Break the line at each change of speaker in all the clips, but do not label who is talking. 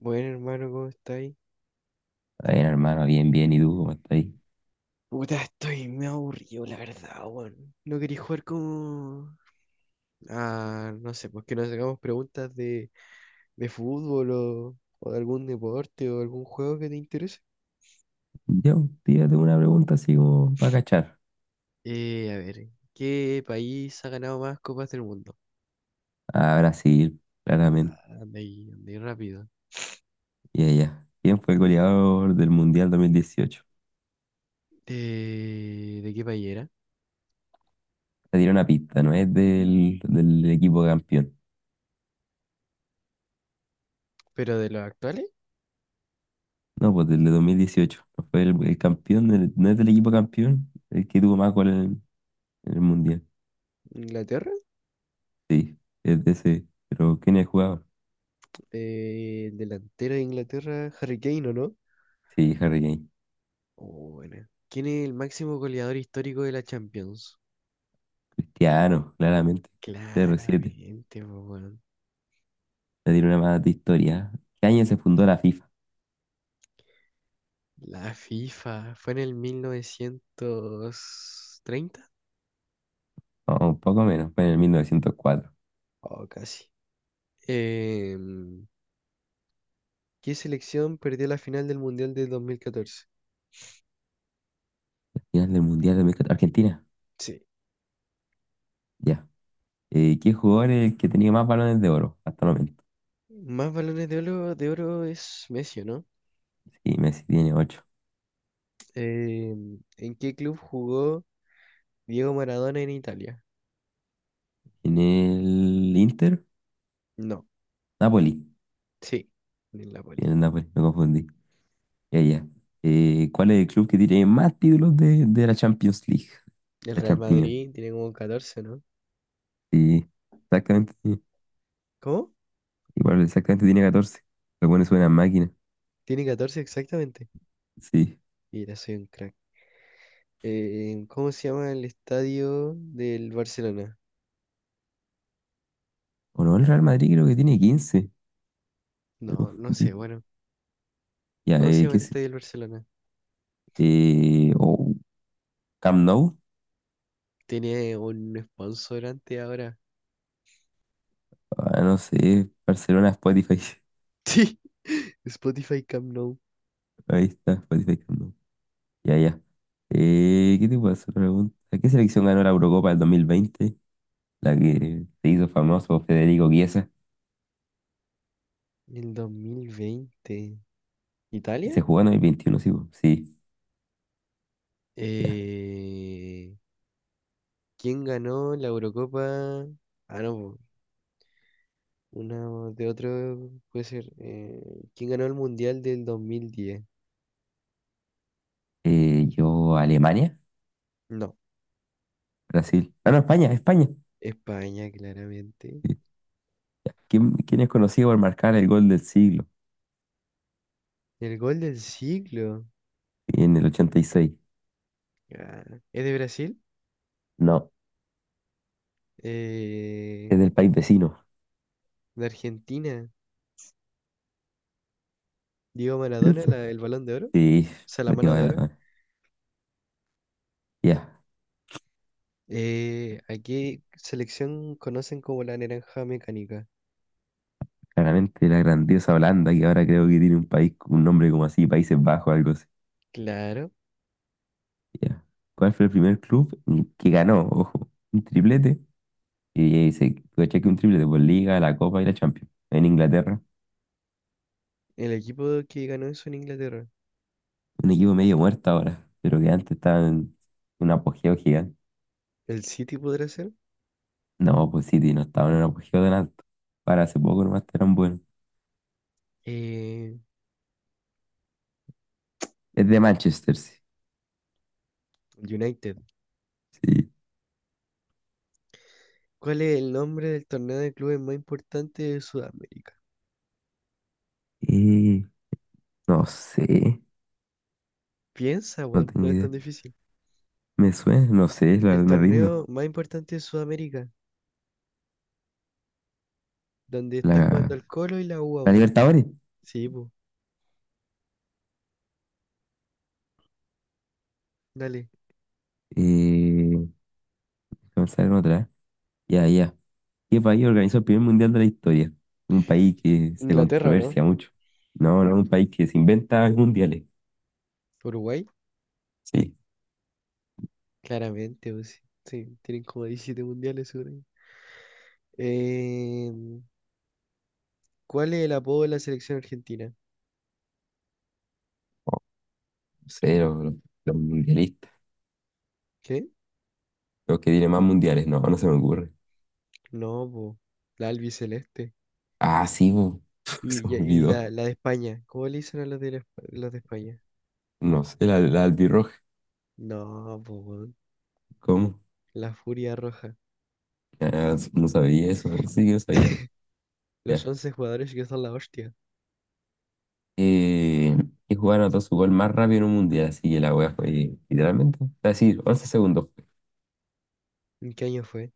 Bueno, hermano, ¿cómo estáis?
Está bien, hermano, bien, bien. ¿Y tú cómo estás ahí?
Puta, estoy me aburrido, la verdad, weón. No quería jugar como... no sé, pues que nos hagamos preguntas de fútbol o de algún deporte o algún juego que te interese.
Yo, tírate una pregunta así como para cachar.
A ver, ¿qué país ha ganado más copas del mundo?
A Brasil, claramente.
Anda ahí rápido.
Y allá. ¿Quién fue el goleador del Mundial 2018?
¿De qué país era?
Te dieron una pista, no es del equipo campeón.
¿Pero de los actuales?
No, pues del de 2018, no fue el campeón, no es del equipo campeón, el que tuvo más goles en el Mundial.
¿Inglaterra?
Sí, es de ese. Pero ¿quién es el jugador?
El delantero de Inglaterra, Harry Kane, ¿o no?
Sí, Harry Kane.
Oh, buena. ¿Quién es el máximo goleador histórico de la Champions?
Cristiano, claramente. Cero siete.
Claramente, po, weón.
Te dieron una más de historia. ¿Qué año se fundó la
La FIFA fue en el 1930
o un poco menos? Fue en el 1904.
o casi. Em, ¿Qué selección perdió la final del Mundial de 2014?
Final del Mundial de dos mil Argentina,
Sí.
ya. ¿Qué jugador es el que tenía más balones de oro hasta el momento?
Más balones de oro es Messi, ¿o ¿no?
Sí, Messi tiene ocho.
¿En qué club jugó Diego Maradona en Italia?
¿En el Inter?
No.
Napoli.
Sí, en el Napoli.
Tiene el Napoli, me confundí. Ya, ya. ¿Cuál es el club que tiene más títulos de la Champions League?
El
La
Real
Champions.
Madrid tiene como 14, ¿no?
Sí, exactamente. Sí.
¿Cómo?
Igual, exactamente tiene 14. Lo pone suena máquina.
Tiene 14 exactamente.
Sí.
Mira, soy un crack. ¿Cómo se llama el estadio del Barcelona?
O no, el Real Madrid creo que tiene 15. Me
No, no sé,
confundí.
bueno.
Ya,
¿Cómo se llama
¿qué
el
es?
estadio del Barcelona?
O Camp Nou.
Tiene un sponsorante ahora.
Ah, no sé, Barcelona, Spotify.
Sí, Spotify Camp Nou.
Ahí está, Spotify. No. Ya, ya. ¿Qué te puedo hacer pregunta? ¿Qué selección ganó la Eurocopa del 2020? La que se hizo famoso Federico Chiesa.
El 2020.
Y
¿Italia?
se jugó en el 21, sí po. Sí, ya.
Eh, ¿Quién ganó la Eurocopa? Ah, no, po, una de otro puede ser. ¿Quién ganó el Mundial del 2010?
Yo, Alemania,
No,
Brasil. Ah, no, España, España.
España, claramente.
Sí. ¿Quién es conocido por marcar el gol del siglo,
El gol del siglo.
en el 86?
Ah, ¿es de Brasil?
No,
eh,
es del país vecino.
de Argentina, Diego Maradona,
Piensa.
el Balón de Oro, o
Sí,
sea, la
me a
mano de oro.
ganar. Ya.
¿A qué selección conocen como la naranja mecánica?
Claramente la grandiosa Holanda, que ahora creo que tiene un país, un nombre como así, Países Bajos, algo así.
Claro,
Ya. ¿Cuál fue el primer club que ganó? Ojo, un triplete. Y ahí dice, coche que un triplete por Liga, la Copa y la Champions. En Inglaterra.
el equipo que ganó eso en Inglaterra.
Un equipo medio muerto ahora, pero que antes estaba en un apogeo gigante.
¿El City podrá ser?
No, pues City no estaba en un apogeo tan alto. Para hace poco nomás eran buenos.
Eh,
Es de
eh,
Manchester, sí.
United.
Sí.
¿Cuál es el nombre del torneo de clubes más importante de Sudamérica?
Y no sé,
Piensa,
no
weón, no
tengo
es tan
idea.
difícil.
Me suena, no sé,
El
me rindo.
torneo más importante de Sudamérica, donde está
La,
jugando el Colo y la U
la
ahora.
Libertadores.
Sí, pues, dale.
Eh, Vamos a ver otra. Ya, ya. ¿Qué país organizó el primer mundial de la historia? Un país que se
Inglaterra, ¿no?
controversia mucho. No, no, un país que se inventa mundiales.
Uruguay.
Sí.
Claramente, pues, sí, sí, tienen como 17 mundiales, seguro. Eh, ¿Cuál es el apodo de la selección argentina?
Oh, no sé, los mundialistas.
¿Qué?
Los que tienen más mundiales. No, no se me ocurre.
No, po, la albiceleste.
Ah, sí, bo. Se me
Y
olvidó.
la de España, ¿cómo le dicen a los de España?
No sé, la albirroja.
No, po, weón,
¿Cómo?
la Furia Roja.
Ah, no sabía eso. Sí que lo sabía.
Los
Ya.
11 jugadores que son la hostia.
Eh, y jugaron anotó su gol más rápido en un mundial. Así que la wea fue literalmente. Es decir, 11 segundos,
¿En qué año fue?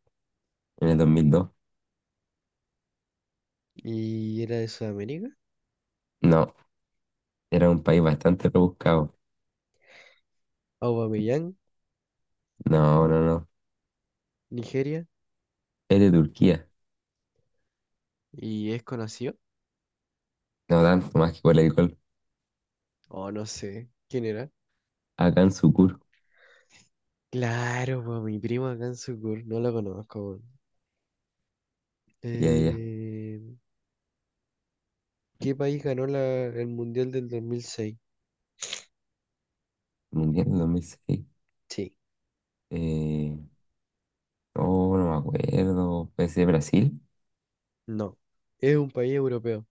en el 2002.
¿Y era de Sudamérica?
No. Era un país bastante rebuscado.
Aubameyang,
No, no, no.
Nigeria.
Es de Turquía.
¿Y es conocido?
No tanto más que por el alcohol.
Oh, no sé. ¿Quién era?
Acá en Sucur.
Claro, po, mi primo acá en Sucur. No lo conozco.
Ya, ya. Ya.
Eh, ¿Qué país ganó el Mundial del 2006?
Mundial del 2006.
Sí,
Eh, oh, no me acuerdo. ¿Puede ser Brasil?
no. ¿Es un país europeo?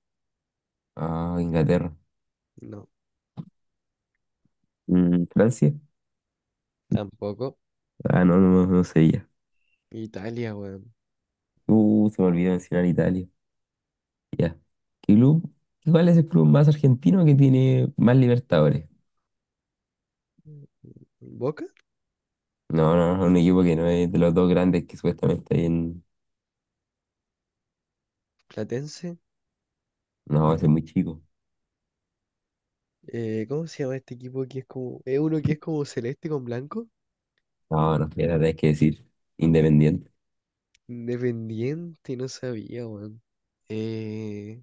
Ah, Inglaterra.
No,
¿Francia?
tampoco.
Ah, no, no, no, no sería.
Italia, weón.
Se me olvidó mencionar Italia. Ya. ¿Qué club? ¿Cuál es el club más argentino que tiene más Libertadores?
¿Boca?
No, no, no, un equipo que no es de los dos grandes que supuestamente hay en...
¿Platense?
No, ese es muy chico.
¿Cómo se llama este equipo que es como... es uno que es como celeste con blanco?
No, no, la verdad es que decir. Independiente.
Independiente, no sabía, weón. Eh,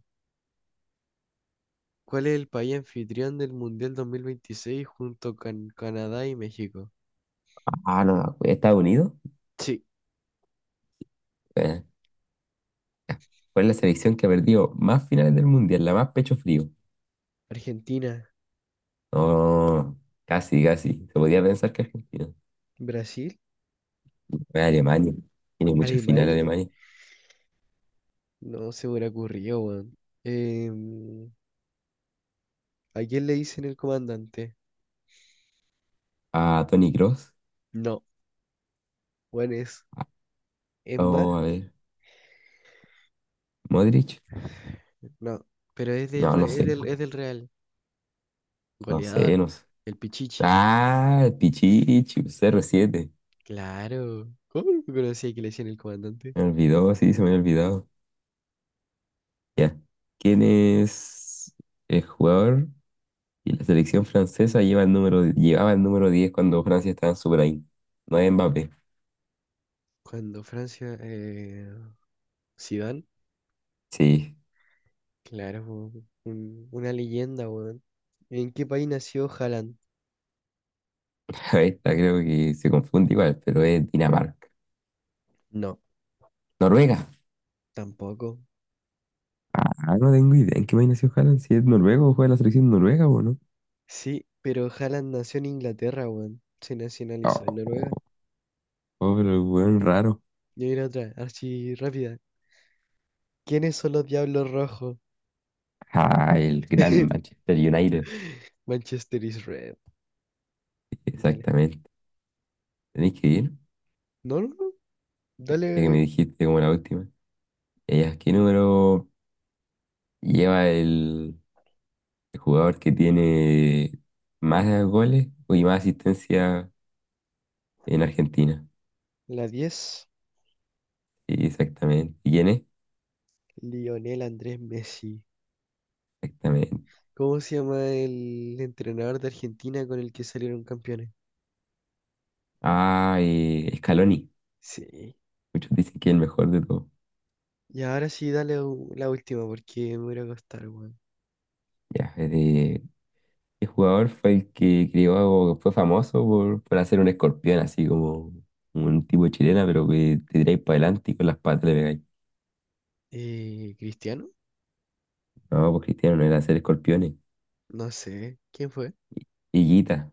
¿Cuál es el país anfitrión del Mundial 2026 junto con Canadá y México?
Ah, no, Estados Unidos.
Sí.
eh, Fue la selección que ha perdido más finales del mundial, la más pecho frío.
Argentina,
No, casi, casi. Se podía pensar que Argentina.
Brasil,
Fue Alemania. Tiene muchas finales
Alemania.
Alemania.
No se me hubiera ocurrido, weón. Em, ¿A quién le dicen el comandante?
Ah, Toni Kroos.
No, bueno, es más,
O, a ver, Modric.
no, pero
No, no
Es
sé.
es del Real.
No sé,
Goleador,
no sé.
el Pichichi.
Ah, Pichichi, 07.
Claro. ¿Cómo no conocía que le decían el comandante?
Me olvidó, sí, se me había olvidado. Ya. ¿Quién es el jugador? Y la selección francesa lleva el número, llevaba el número 10 cuando Francia estaba en su prime. No es Mbappé.
Cuando Francia, Zidane,
Sí,
claro, po, una leyenda, weón. ¿En qué país nació Haaland?
esta creo que se confunde igual, pero es Dinamarca.
No,
Noruega.
tampoco.
Ah, no tengo idea en qué país nació Haaland, si es noruego juega en la selección noruega o no.
Sí, pero Haaland nació en Inglaterra, weón. Se
Oh,
nacionalizó en Noruega.
oh, oh, pero el weón raro.
Yo iré otra, así rápida. ¿Quiénes son los diablos rojos?
Ah, el gran Manchester United.
Manchester is red. Dale.
Exactamente. Tenéis que ir,
No, no, no.
ya que
Dale
me dijiste como la última. ¿Qué número lleva el jugador que tiene más goles y más asistencia en Argentina?
la 10.
Sí, exactamente. ¿Y quién es?
Lionel Andrés Messi.
Exactamente.
¿Cómo se llama el entrenador de Argentina con el que salieron campeones?
Ah, Scaloni.
Sí.
Muchos dicen que es el mejor de todos.
Y ahora sí, la última porque me voy a ir a acostar, weón.
Ya, ¿qué jugador fue el que creó, fue famoso por hacer un escorpión así como un tipo de chilena, pero que te tiráis para adelante y con las patas le pegáis?
¿Cristiano?
No, pues Cristiano no era hacer escorpiones.
No sé. ¿Quién fue?
Higuita,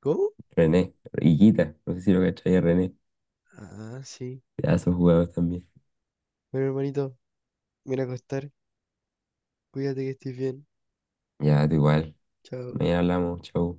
¿Cómo?
René, Higuita, no sé si lo cachai a René.
Ah, sí.
Pedazo de jugador también.
Bueno, hermanito, me voy a acostar. Cuídate que estés bien.
Ya, da igual.
Chao.
Mañana hablamos, chau.